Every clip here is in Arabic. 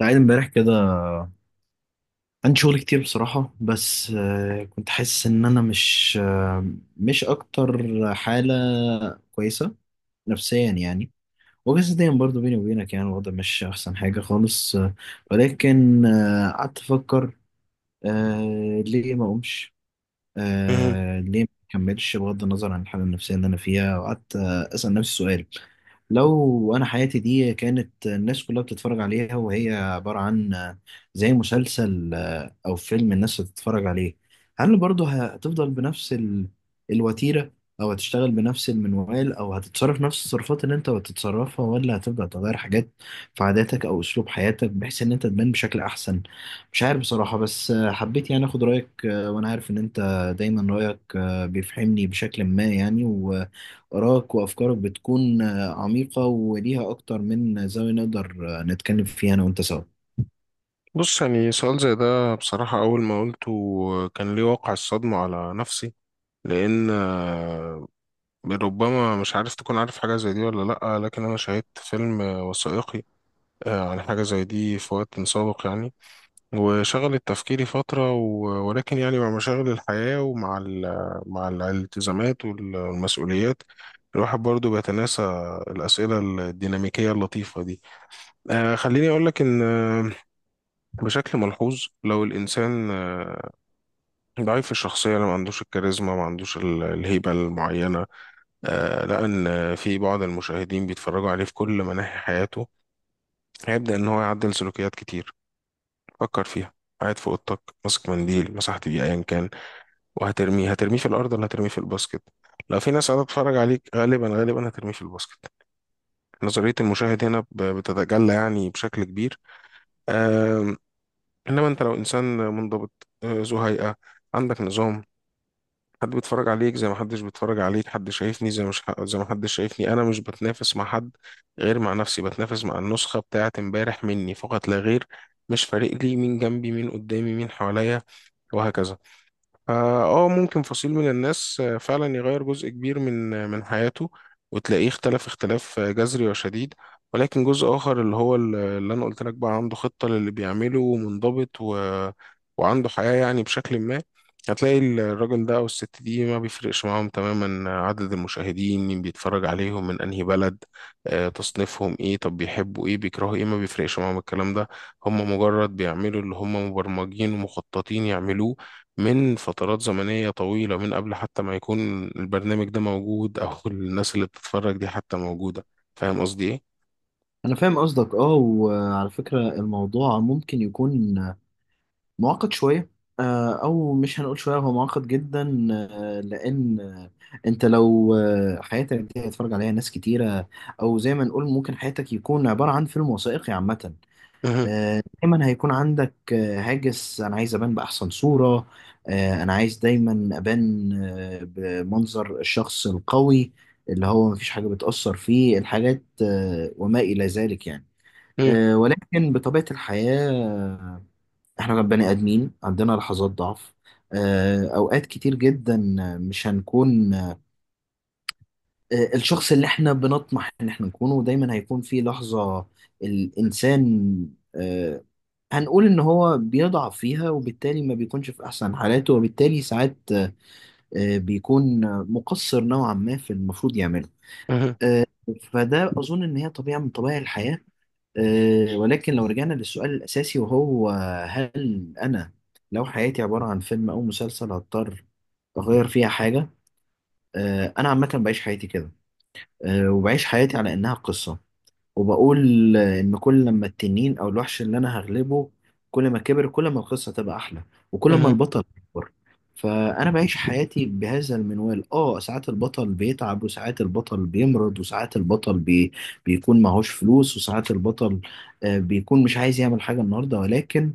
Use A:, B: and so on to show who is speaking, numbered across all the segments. A: قاعد امبارح كده، عندي شغل كتير بصراحة بس كنت حاسس ان انا مش مش اكتر حالة كويسة نفسيا يعني، وجسديا برضو بيني وبينك يعني الوضع مش احسن حاجة خالص ولكن قعدت افكر ليه ما اقومش،
B: مهم.
A: ليه ما اكملش بغض النظر عن الحالة النفسية اللي انا فيها. وقعدت اسأل نفسي سؤال: لو انا حياتي دي كانت الناس كلها بتتفرج عليها وهي عبارة عن زي مسلسل او فيلم الناس بتتفرج عليه، هل برضه هتفضل بنفس الوتيرة، او هتشتغل بنفس المنوال، او هتتصرف نفس التصرفات اللي انت بتتصرفها، ولا هتبدأ تغير حاجات في عاداتك او اسلوب حياتك بحيث ان انت تبان بشكل احسن؟ مش عارف بصراحة، بس حبيت يعني اخد رأيك وانا عارف ان انت دايما رأيك بيفهمني بشكل ما يعني، و آرائك وأفكارك بتكون عميقة وليها أكتر من زاوية نقدر نتكلم فيها أنا وأنت سوا.
B: بص يعني سؤال زي ده بصراحة أول ما قلته كان ليه واقع الصدمة على نفسي، لأن ربما مش عارف تكون عارف حاجة زي دي ولا لأ، لكن أنا شاهدت فيلم وثائقي عن حاجة زي دي في وقت سابق يعني، وشغلت تفكيري فترة ولكن يعني مع مشاغل الحياة ومع مع الالتزامات والمسؤوليات، الواحد برضو بيتناسى الأسئلة الديناميكية اللطيفة دي. خليني أقول لك إن بشكل ملحوظ لو الإنسان ضعيف الشخصية، لو ما عندوش الكاريزما، ما عندوش الهيبة المعينة، لقى إن في بعض المشاهدين بيتفرجوا عليه في كل مناحي حياته، هيبدأ إن هو يعدل سلوكيات كتير. فكر فيها، قاعد في أوضتك ماسك منديل مسحت بيه أيا كان، وهترميه، هترميه في الأرض ولا هترميه في الباسكت؟ لو في ناس قاعدة تتفرج عليك، غالبا غالبا هترميه في الباسكت. نظرية المشاهد هنا بتتجلى يعني بشكل كبير. آم، إنما أنت لو إنسان منضبط، ذو هيئة، عندك نظام، حد بيتفرج عليك زي ما حدش بيتفرج عليك، حد شايفني زي مش زي ما حدش شايفني، انا مش بتنافس مع حد غير مع نفسي، بتنافس مع النسخة بتاعة امبارح مني فقط لا غير. مش فارق لي مين جنبي، مين قدامي، مين حواليا، وهكذا. اه، ممكن فصيل من الناس فعلا يغير جزء كبير من من حياته، وتلاقيه اختلف اختلاف جذري وشديد. ولكن جزء اخر، اللي هو اللي انا قلت لك، بقى عنده خطة للي بيعمله ومنضبط و... وعنده حياة يعني بشكل ما، هتلاقي الراجل ده او الست دي ما بيفرقش معاهم تماما عدد المشاهدين، مين بيتفرج عليهم، من انهي بلد، تصنيفهم ايه، طب بيحبوا ايه، بيكرهوا ايه، ما بيفرقش معاهم الكلام ده. هم مجرد بيعملوا اللي هم مبرمجين ومخططين يعملوه من فترات زمنية طويلة، من قبل حتى ما يكون البرنامج ده موجود، أو الناس اللي بتتفرج دي حتى موجودة. فاهم قصدي إيه؟
A: أنا فاهم قصدك أه، وعلى فكرة الموضوع ممكن يكون معقد شوية، أو مش هنقول شوية، هو معقد جدا لأن أنت لو حياتك دي هيتفرج عليها ناس كتيرة، أو زي ما نقول ممكن حياتك يكون عبارة عن فيلم وثائقي عامة،
B: مهم،
A: دايما هيكون عندك هاجس: انا عايز ابان باحسن صورة، انا عايز دايما ابان بمنظر الشخص القوي اللي هو مفيش حاجة بتأثر فيه الحاجات وما إلى ذلك يعني.
B: مهم،
A: ولكن بطبيعة الحياة احنا بني آدمين عندنا لحظات ضعف، أوقات كتير جدا مش هنكون الشخص اللي احنا بنطمح ان احنا نكونه، دايما هيكون في لحظة الإنسان آه، هنقول ان هو بيضعف فيها، وبالتالي ما بيكونش في احسن حالاته، وبالتالي ساعات بيكون مقصر نوعا ما في المفروض يعمله. آه، فده اظن ان هي طبيعة من طبيعة الحياة. ولكن لو رجعنا للسؤال الاساسي، وهو هل انا لو حياتي عبارة عن فيلم او مسلسل هضطر اغير فيها حاجة؟ انا عامة بعيش حياتي كده، وبعيش حياتي على انها قصة، وبقول إن كل لما التنين أو الوحش اللي أنا هغلبه كل ما كبر، كل ما القصة تبقى أحلى، وكل
B: مهم،
A: ما
B: مهم،
A: البطل يكبر. فأنا بعيش حياتي بهذا المنوال. آه ساعات البطل بيتعب، وساعات البطل بيمرض، وساعات البطل بيكون معهوش فلوس، وساعات البطل بيكون مش عايز يعمل حاجة النهاردة، ولكن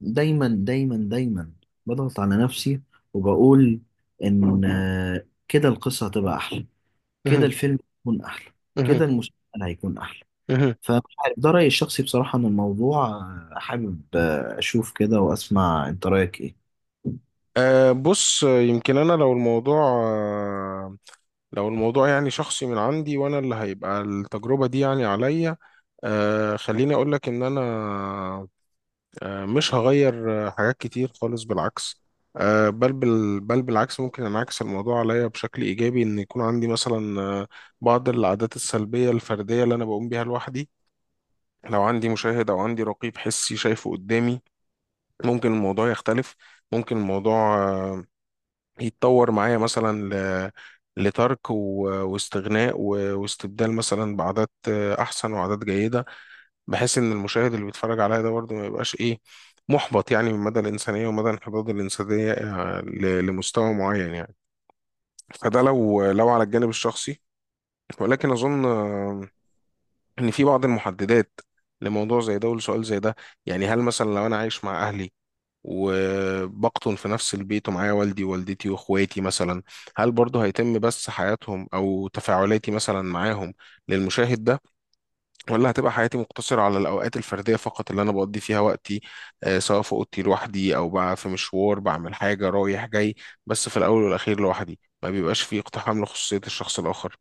A: دايما دايما دايما بضغط على نفسي وبقول إن كده القصة هتبقى أحلى، كده
B: مهم،
A: الفيلم هيكون أحلى،
B: مهم،
A: كده المسلسل هيكون أحلى.
B: مهم.
A: فمش عارف، ده رأيي الشخصي بصراحة عن الموضوع. حابب أشوف كده وأسمع أنت رأيك إيه.
B: أه بص، يمكن أنا لو الموضوع آه، لو الموضوع يعني شخصي من عندي، وأنا اللي هيبقى التجربة دي يعني عليا، أه خليني أقولك إن أنا مش هغير حاجات كتير خالص، بالعكس، بل بل بالعكس ممكن انعكس الموضوع عليا بشكل ايجابي، ان يكون عندي مثلا بعض العادات السلبيه الفرديه اللي انا بقوم بيها لوحدي، لو عندي مشاهد او عندي رقيب حسي شايفه قدامي، ممكن الموضوع يختلف. ممكن الموضوع يتطور معايا مثلا ل- لترك واستغناء واستبدال مثلا بعادات احسن وعادات جيده، بحيث ان المشاهد اللي بيتفرج عليها ده برضه ما يبقاش ايه، محبط يعني من مدى الانسانيه ومدى انحدار الانسانيه لمستوى معين يعني. فده لو لو على الجانب الشخصي. ولكن اظن ان في بعض المحددات لموضوع زي ده ولسؤال زي ده، يعني هل مثلا لو انا عايش مع اهلي وبقطن في نفس البيت ومعايا والدي ووالدتي واخواتي مثلا، هل برضه هيتم بس حياتهم او تفاعلاتي مثلا معاهم للمشاهد ده، ولا هتبقى حياتي مقتصرة على الأوقات الفردية فقط اللي أنا بقضي فيها وقتي، سواء في أوضتي لوحدي أو بقى في مشوار بعمل حاجة رايح جاي، بس في الأول والأخير لوحدي ما بيبقاش فيه اقتحام لخصوصية الشخص الآخر.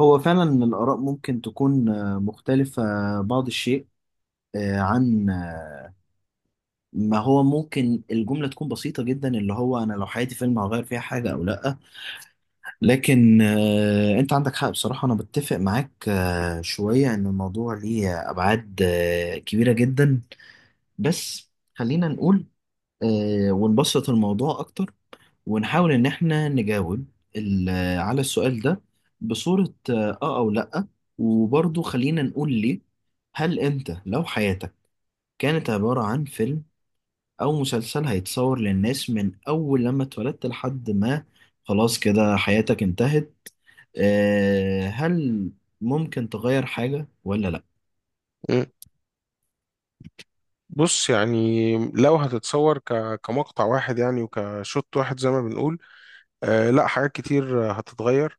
A: هو فعلا الآراء ممكن تكون مختلفة بعض الشيء آه، عن آه، ما هو ممكن الجملة تكون بسيطة جدا اللي هو أنا لو حياتي فيلم هغير فيها حاجة أو لأ، لكن أنت عندك حق بصراحة، أنا بتفق معاك شوية إن الموضوع ليه أبعاد كبيرة جدا. بس خلينا نقول ونبسط الموضوع أكتر، ونحاول إن إحنا نجاوب ال- على السؤال ده بصورة آه آه أو لأ، وبرضه خلينا نقول ليه. هل أنت لو حياتك كانت عبارة عن فيلم أو مسلسل هيتصور للناس من أول لما اتولدت لحد ما خلاص كده حياتك انتهت، آه هل ممكن تغير حاجة ولا لأ؟
B: مم. بص يعني لو هتتصور كمقطع واحد يعني وكشوت واحد زي ما بنقول، آه لا، حاجات كتير هتتغير.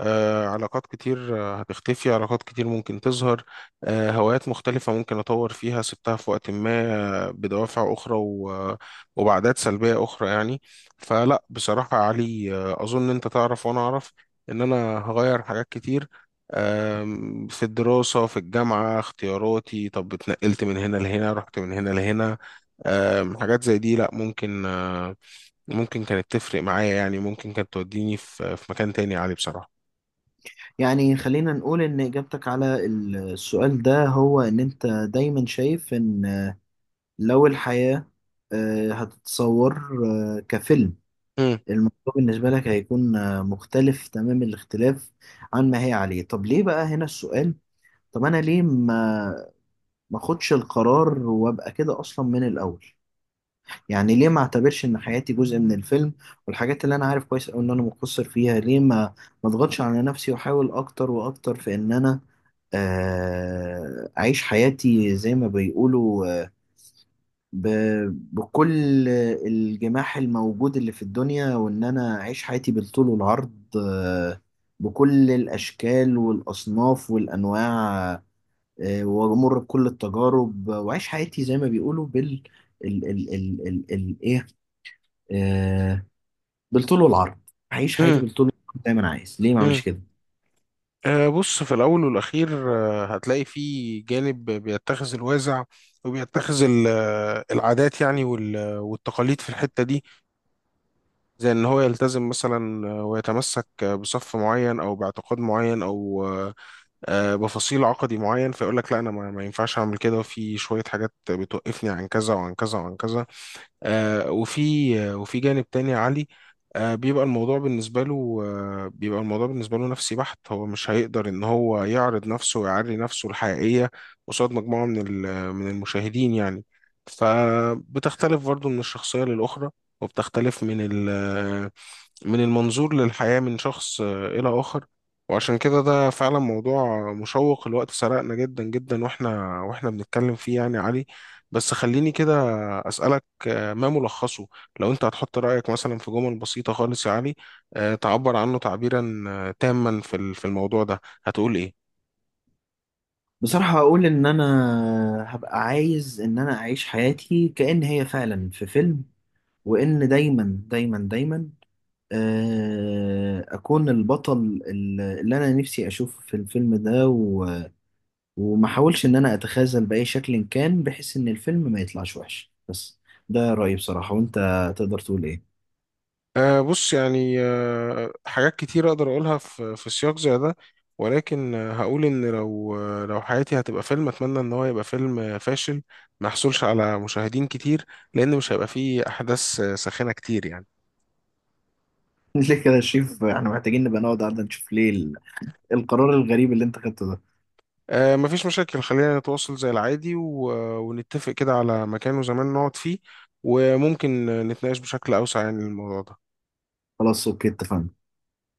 B: علاقات كتير هتختفي، علاقات كتير ممكن تظهر. هوايات مختلفة ممكن أطور فيها، سبتها في وقت ما بدوافع أخرى وبعدات سلبية أخرى يعني. فلا بصراحة يا علي، أظن أنت تعرف وأنا أعرف إن أنا هغير حاجات كتير. في الدراسة، في الجامعة، اختياراتي، طب اتنقلت من هنا لهنا، رحت من هنا لهنا. حاجات زي دي لا، ممكن ممكن كانت تفرق معايا يعني، ممكن كانت توديني في في مكان تاني يا علي بصراحة.
A: يعني خلينا نقول إن إجابتك على السؤال ده هو إن أنت دايما شايف إن لو الحياة هتتصور كفيلم، الموضوع بالنسبة لك هيكون مختلف تمام الاختلاف عن ما هي عليه. طب ليه بقى هنا السؤال؟ طب أنا ليه ما أخدش القرار وأبقى كده أصلا من الأول؟ يعني ليه ما أعتبرش إن حياتي جزء من الفيلم، والحاجات اللي أنا عارف كويس أوي إن أنا مقصر فيها ليه ما أضغطش على نفسي وأحاول أكتر وأكتر في إن أنا أعيش حياتي زي ما بيقولوا ب... بكل الجماح الموجود اللي في الدنيا، وإن أنا أعيش حياتي بالطول والعرض، بكل الأشكال والأصناف والأنواع، وأمر بكل التجارب، وأعيش حياتي زي ما بيقولوا بال ال ال ال ال ال إيه آه، بالطول والعرض. أعيش حياتي
B: امم
A: بالطول والعرض زي ما أنا عايز، ليه ما
B: امم
A: أعملش كده؟
B: بص، في الأول والأخير هتلاقي فيه جانب بيتخذ الوازع، وبيتخذ العادات يعني والتقاليد في الحتة دي، زي إن هو يلتزم مثلا ويتمسك بصف معين أو باعتقاد معين أو بفصيل عقدي معين، فيقول لك لا أنا ما ينفعش أعمل كده، وفي شوية حاجات بتوقفني عن كذا وعن كذا وعن كذا. وفي وفي جانب تاني يا علي بيبقى الموضوع بالنسبة له نفسي بحت، هو مش هيقدر إن هو يعرض نفسه ويعري نفسه الحقيقية قصاد مجموعة من من المشاهدين يعني. فبتختلف برضه من الشخصية للأخرى، وبتختلف من ال من المنظور للحياة من شخص إلى آخر. وعشان كده ده فعلا موضوع مشوق، الوقت سرقنا جدا جدا واحنا بنتكلم فيه يعني يا علي. بس خليني كده أسألك ما ملخصه، لو انت هتحط رأيك مثلا في جمل بسيطة خالص يا علي تعبر عنه تعبيرا تاما في في الموضوع ده، هتقول ايه؟
A: بصراحة أقول إن أنا هبقى عايز إن أنا أعيش حياتي كأن هي فعلا في فيلم، وإن دايما دايما دايما اكون البطل اللي انا نفسي اشوفه في الفيلم ده، و وما احاولش ان انا اتخاذل باي شكل كان بحيث ان الفيلم ما يطلعش وحش. بس ده رايي بصراحه، وانت تقدر تقول ايه؟
B: أه بص يعني أه حاجات كتير أقدر أقولها في في سياق زي ده. ولكن هقول إن لو لو حياتي هتبقى فيلم، أتمنى إن هو يبقى فيلم فاشل، ما يحصلش على مشاهدين كتير، لأن مش هيبقى فيه أحداث ساخنة كتير يعني.
A: ليه كده يا شريف؟ احنا محتاجين نبقى نقعد قعده نشوف ليه القرار الغريب اللي انت خدته ده.
B: أه مفيش مشاكل، خلينا نتواصل زي العادي ونتفق كده على مكان وزمان نقعد فيه، وممكن نتناقش بشكل أوسع عن الموضوع ده.
A: خلاص اوكي، اتفقنا.